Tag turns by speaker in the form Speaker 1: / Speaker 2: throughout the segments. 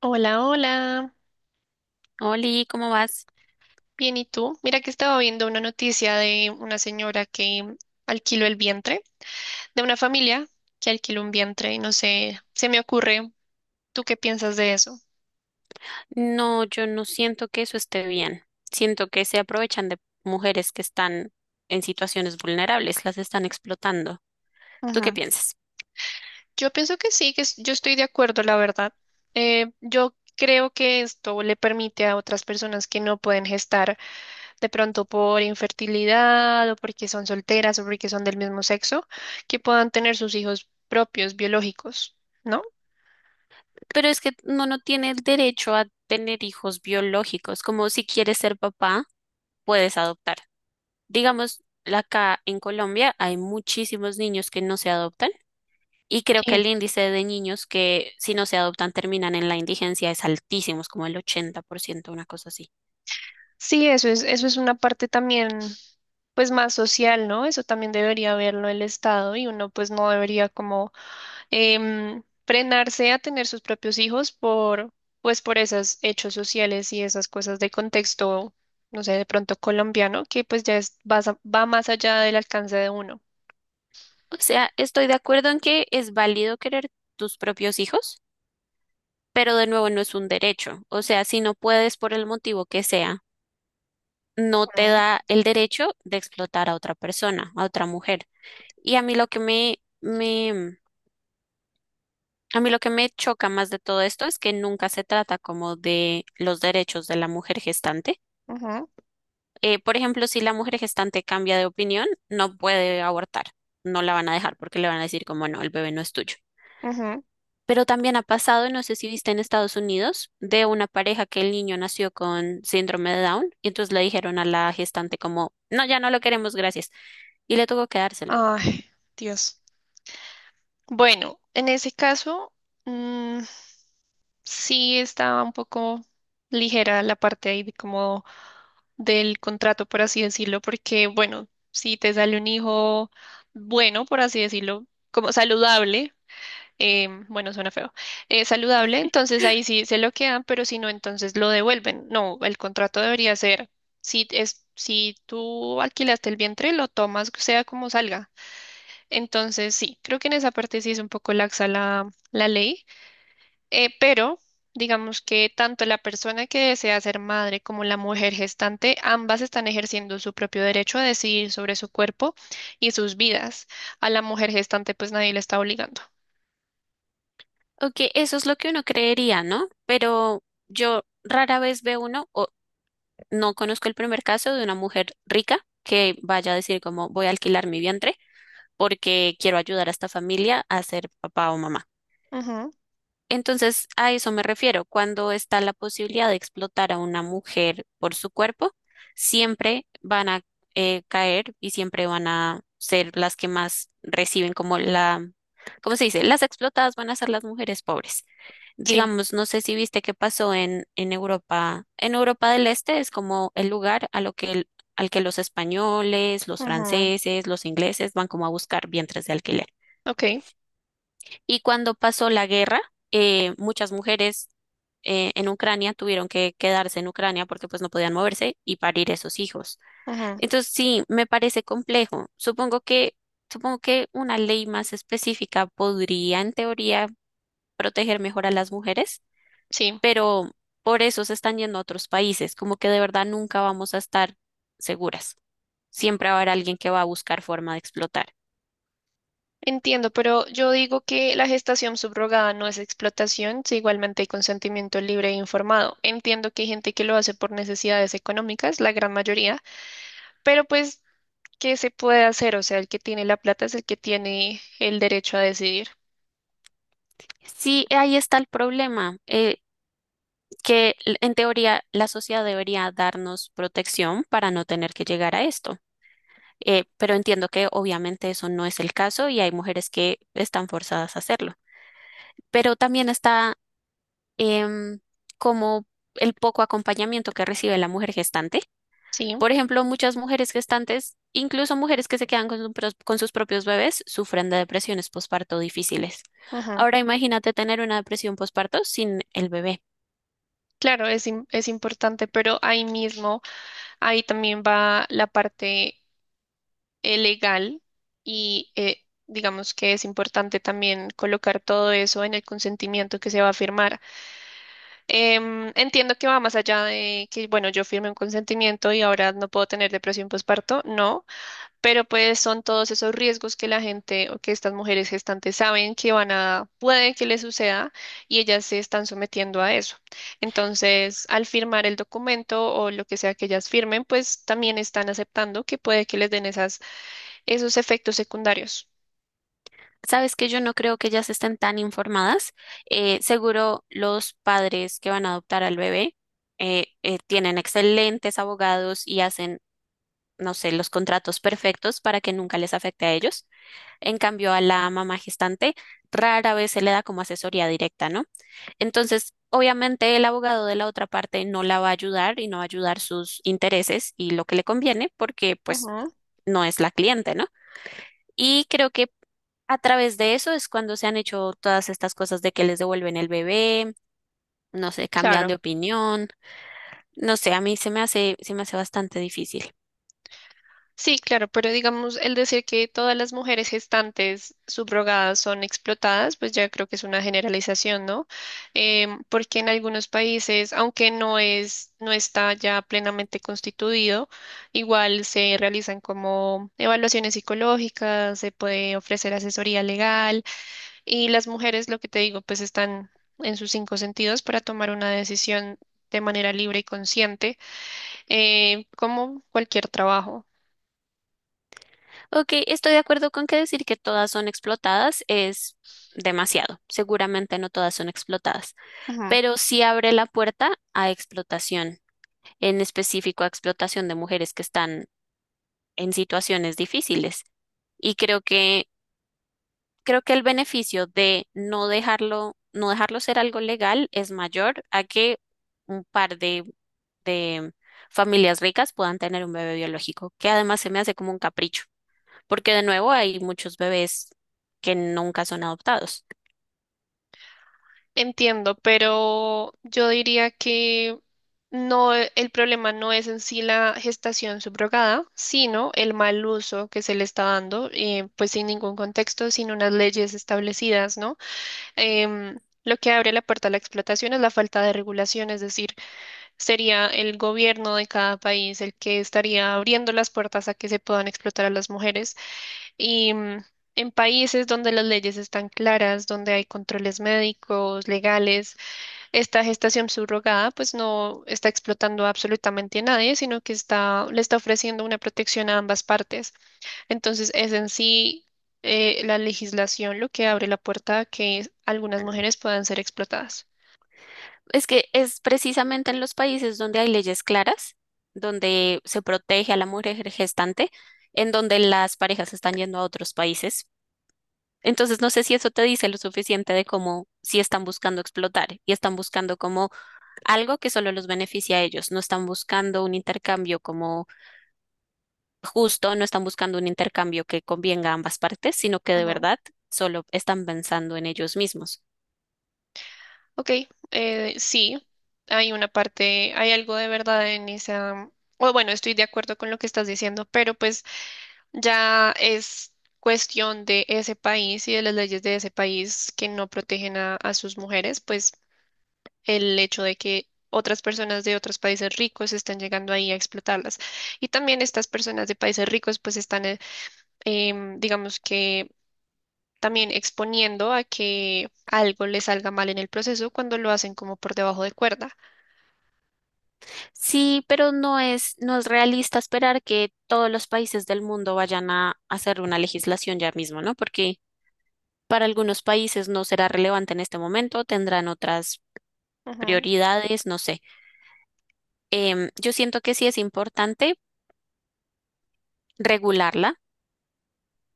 Speaker 1: Hola, hola.
Speaker 2: Oli, ¿cómo vas?
Speaker 1: Bien, ¿y tú? Mira que estaba viendo una noticia de una señora que alquiló el vientre, de una familia que alquiló un vientre, y no sé, se me ocurre, ¿tú qué piensas de eso?
Speaker 2: No, yo no siento que eso esté bien. Siento que se aprovechan de mujeres que están en situaciones vulnerables, las están explotando. ¿Tú qué
Speaker 1: Ujú.
Speaker 2: piensas?
Speaker 1: Yo pienso que sí, que yo estoy de acuerdo, la verdad. Yo creo que esto le permite a otras personas que no pueden gestar de pronto por infertilidad o porque son solteras o porque son del mismo sexo, que puedan tener sus hijos propios, biológicos, ¿no?
Speaker 2: Pero es que uno no tiene el derecho a tener hijos biológicos, como si quieres ser papá, puedes adoptar. Digamos, la acá en Colombia hay muchísimos niños que no se adoptan. Y creo que
Speaker 1: Sí.
Speaker 2: el índice de niños que si no se adoptan terminan en la indigencia es altísimo, es como el 80%, una cosa así.
Speaker 1: Sí, eso es una parte también, pues más social, ¿no? Eso también debería verlo el Estado y uno pues no debería como frenarse a tener sus propios hijos por, pues por esos hechos sociales y esas cosas de contexto, no sé, de pronto colombiano, que pues ya es, va más allá del alcance de uno.
Speaker 2: O sea, estoy de acuerdo en que es válido querer tus propios hijos, pero de nuevo no es un derecho. O sea, si no puedes por el motivo que sea, no te da
Speaker 1: Mm.
Speaker 2: el derecho de explotar a otra persona, a otra mujer. Y a mí lo que a mí lo que me choca más de todo esto es que nunca se trata como de los derechos de la mujer gestante.
Speaker 1: Ujú,
Speaker 2: Por ejemplo, si la mujer gestante cambia de opinión, no puede abortar. No la van a dejar porque le van a decir como no, el bebé no es tuyo.
Speaker 1: ujú.
Speaker 2: Pero también ha pasado, no sé si viste en Estados Unidos, de una pareja que el niño nació con síndrome de Down y entonces le dijeron a la gestante como, no, ya no lo queremos, gracias. Y le tuvo que dárselo.
Speaker 1: Ay, Dios. Bueno, en ese caso, mm, sí, estaba un poco ligera la parte ahí de como del contrato, por así decirlo, porque bueno, si te sale un hijo bueno, por así decirlo, como saludable, bueno, suena feo, saludable, entonces ahí sí se lo quedan, pero si no, entonces lo devuelven. No, el contrato debería ser, si tú alquilaste el vientre, lo tomas, sea como salga. Entonces sí, creo que en esa parte sí es un poco laxa la ley. Pero digamos que tanto la persona que desea ser madre como la mujer gestante, ambas están ejerciendo su propio derecho a decidir sobre su cuerpo y sus vidas. A la mujer gestante pues nadie le está obligando.
Speaker 2: Ok, eso es lo que uno creería, ¿no? Pero yo rara vez veo uno, o no conozco el primer caso de una mujer rica que vaya a decir como voy a alquilar mi vientre porque quiero ayudar a esta familia a ser papá o mamá.
Speaker 1: Ujú.
Speaker 2: Entonces, a eso me refiero. Cuando está la posibilidad de explotar a una mujer por su cuerpo, siempre van a caer, y siempre van a ser las que más reciben como la, ¿cómo se dice? Las explotadas van a ser las mujeres pobres.
Speaker 1: Sí.
Speaker 2: Digamos, no sé si viste qué pasó en Europa. En Europa del Este es como el lugar a lo que al que los españoles, los
Speaker 1: Ujú.
Speaker 2: franceses, los ingleses van como a buscar vientres de alquiler.
Speaker 1: Ok.
Speaker 2: Y cuando pasó la guerra, muchas mujeres en Ucrania tuvieron que quedarse en Ucrania porque pues no podían moverse y parir esos hijos.
Speaker 1: Ujú.
Speaker 2: Entonces sí, me parece complejo. Supongo que una ley más específica podría en teoría proteger mejor a las mujeres,
Speaker 1: Sí.
Speaker 2: pero por eso se están yendo a otros países, como que de verdad nunca vamos a estar seguras. Siempre va a haber alguien que va a buscar forma de explotar.
Speaker 1: Entiendo, pero yo digo que la gestación subrogada no es explotación, si igualmente hay consentimiento libre e informado. Entiendo que hay gente que lo hace por necesidades económicas, la gran mayoría, pero pues, ¿qué se puede hacer? O sea, el que tiene la plata es el que tiene el derecho a decidir.
Speaker 2: Sí, ahí está el problema. En teoría la sociedad debería darnos protección para no tener que llegar a esto. Pero entiendo que obviamente eso no es el caso y hay mujeres que están forzadas a hacerlo. Pero también está em, como el poco acompañamiento que recibe la mujer gestante.
Speaker 1: Sí,
Speaker 2: Por ejemplo, muchas mujeres gestantes, incluso mujeres que se quedan con, con sus propios bebés, sufren de depresiones posparto difíciles.
Speaker 1: ujú.
Speaker 2: Ahora imagínate tener una depresión posparto sin el bebé.
Speaker 1: Claro, es importante, pero ahí mismo, ahí también va la parte legal y digamos que es importante también colocar todo eso en el consentimiento que se va a firmar. Entiendo que va más allá de que, bueno, yo firme un consentimiento y ahora no puedo tener depresión postparto, no, pero pues son todos esos riesgos que la gente o que estas mujeres gestantes saben que van a, puede que les suceda y ellas se están sometiendo a eso. Entonces, al firmar el documento o lo que sea que ellas firmen, pues también están aceptando que puede que les den esas, esos efectos secundarios.
Speaker 2: Sabes que yo no creo que ellas estén tan informadas. Seguro los padres que van a adoptar al bebé tienen excelentes abogados y hacen, no sé, los contratos perfectos para que nunca les afecte a ellos. En cambio, a la mamá gestante rara vez se le da como asesoría directa, ¿no? Entonces, obviamente el abogado de la otra parte no la va a ayudar y no va a ayudar sus intereses y lo que le conviene porque pues
Speaker 1: Ujú.
Speaker 2: no es la cliente, ¿no? Y creo que a través de eso es cuando se han hecho todas estas cosas de que les devuelven el bebé, no sé, cambian de
Speaker 1: Claro.
Speaker 2: opinión. No sé, a mí se me hace bastante difícil.
Speaker 1: Sí, claro, pero digamos, el decir que todas las mujeres gestantes subrogadas son explotadas, pues ya creo que es una generalización, ¿no? Porque en algunos países, aunque no es, no está ya plenamente constituido, igual se realizan como evaluaciones psicológicas, se puede ofrecer asesoría legal y las mujeres, lo que te digo, pues están en sus cinco sentidos para tomar una decisión de manera libre y consciente, como cualquier trabajo.
Speaker 2: Ok, estoy de acuerdo con que decir que todas son explotadas es demasiado. Seguramente no todas son explotadas, pero sí abre la puerta a explotación, en específico a explotación de mujeres que están en situaciones difíciles. Y creo que creo que el beneficio de no dejarlo ser algo legal es mayor a que un par de familias ricas puedan tener un bebé biológico, que además se me hace como un capricho, porque de nuevo hay muchos bebés que nunca son adoptados.
Speaker 1: Entiendo, pero yo diría que no, el problema no es en sí la gestación subrogada, sino el mal uso que se le está dando, pues sin ningún contexto, sin unas leyes establecidas, ¿no? Lo que abre la puerta a la explotación es la falta de regulación, es decir, sería el gobierno de cada país el que estaría abriendo las puertas a que se puedan explotar a las mujeres y en países donde las leyes están claras, donde hay controles médicos, legales, esta gestación subrogada pues no está explotando absolutamente a nadie, sino que está, le está ofreciendo una protección a ambas partes. Entonces es en sí la legislación lo que abre la puerta a que algunas mujeres puedan ser explotadas.
Speaker 2: Es que es precisamente en los países donde hay leyes claras, donde se protege a la mujer gestante, en donde las parejas están yendo a otros países. Entonces, no sé si eso te dice lo suficiente de cómo si están buscando explotar y están buscando como algo que solo los beneficia a ellos, no están buscando un intercambio como justo, no están buscando un intercambio que convenga a ambas partes, sino que de
Speaker 1: Ujú.
Speaker 2: verdad solo están pensando en ellos mismos.
Speaker 1: Ok, sí, hay una parte, hay algo de verdad en esa, o bueno, estoy de acuerdo con lo que estás diciendo, pero pues ya es cuestión de ese país y de las leyes de ese país que no protegen a sus mujeres, pues el hecho de que otras personas de otros países ricos están llegando ahí a explotarlas. Y también estas personas de países ricos pues están, digamos que también exponiendo a que algo les salga mal en el proceso cuando lo hacen como por debajo de cuerda.
Speaker 2: Sí, pero no es realista esperar que todos los países del mundo vayan a hacer una legislación ya mismo, ¿no? Porque para algunos países no será relevante en este momento, tendrán otras
Speaker 1: Ujú.
Speaker 2: prioridades, no sé. Yo siento que sí es importante regularla,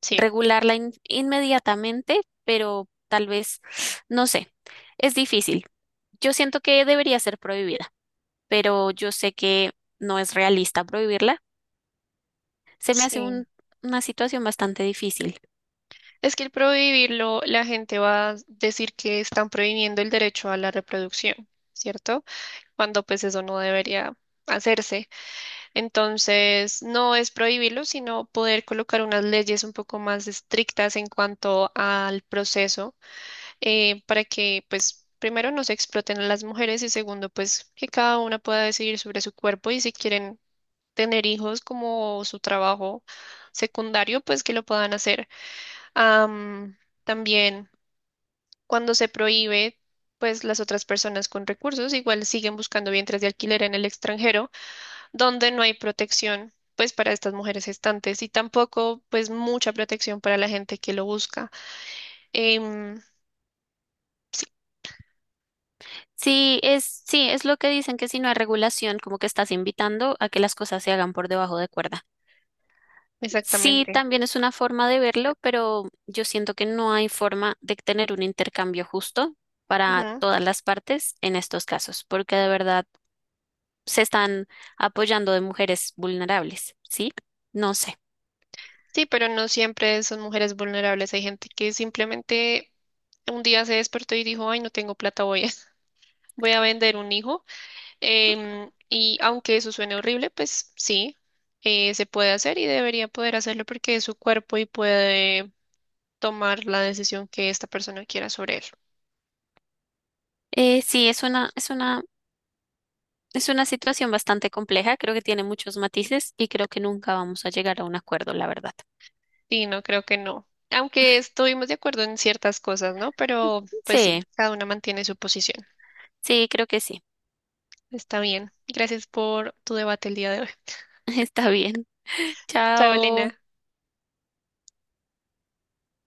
Speaker 1: Sí.
Speaker 2: regularla inmediatamente, pero tal vez, no sé, es difícil. Yo siento que debería ser prohibida, pero yo sé que no es realista prohibirla. Se me hace
Speaker 1: Sí.
Speaker 2: una situación bastante difícil.
Speaker 1: Es que el prohibirlo, la gente va a decir que están prohibiendo el derecho a la reproducción, ¿cierto? Cuando pues eso no debería hacerse. Entonces, no es prohibirlo, sino poder colocar unas leyes un poco más estrictas en cuanto al proceso, para que pues primero no se exploten a las mujeres y segundo pues que cada una pueda decidir sobre su cuerpo y si quieren tener hijos como su trabajo secundario, pues que lo puedan hacer. Am, También cuando se prohíbe, pues las otras personas con recursos igual siguen buscando vientres de alquiler en el extranjero, donde no hay protección, pues para estas mujeres gestantes y tampoco, pues mucha protección para la gente que lo busca. Em,
Speaker 2: Sí, es lo que dicen que si no hay regulación, como que estás invitando a que las cosas se hagan por debajo de cuerda. Sí,
Speaker 1: Exactamente.
Speaker 2: también es una forma de verlo, pero yo siento que no hay forma de tener un intercambio justo para
Speaker 1: Ujú.
Speaker 2: todas las partes en estos casos, porque de verdad se están apoyando de mujeres vulnerables, ¿sí? No sé.
Speaker 1: Sí, pero no siempre son mujeres vulnerables. Hay gente que simplemente un día se despertó y dijo, ay, no tengo plata, voy a vender un hijo. Y aunque eso suene horrible, pues sí, se puede hacer y debería poder hacerlo porque es su cuerpo y puede tomar la decisión que esta persona quiera sobre él.
Speaker 2: Eh, sí, es una, es una, es una situación bastante compleja, creo que tiene muchos matices y creo que nunca vamos a llegar a un acuerdo, la verdad.
Speaker 1: Y no creo que no. Aunque estuvimos de acuerdo en ciertas cosas, ¿no? Pero pues sí,
Speaker 2: Sí,
Speaker 1: cada una mantiene su posición.
Speaker 2: sí, creo que sí.
Speaker 1: Está bien. Gracias por tu debate el día de hoy.
Speaker 2: Está bien.
Speaker 1: Chao, Elena.
Speaker 2: Chao.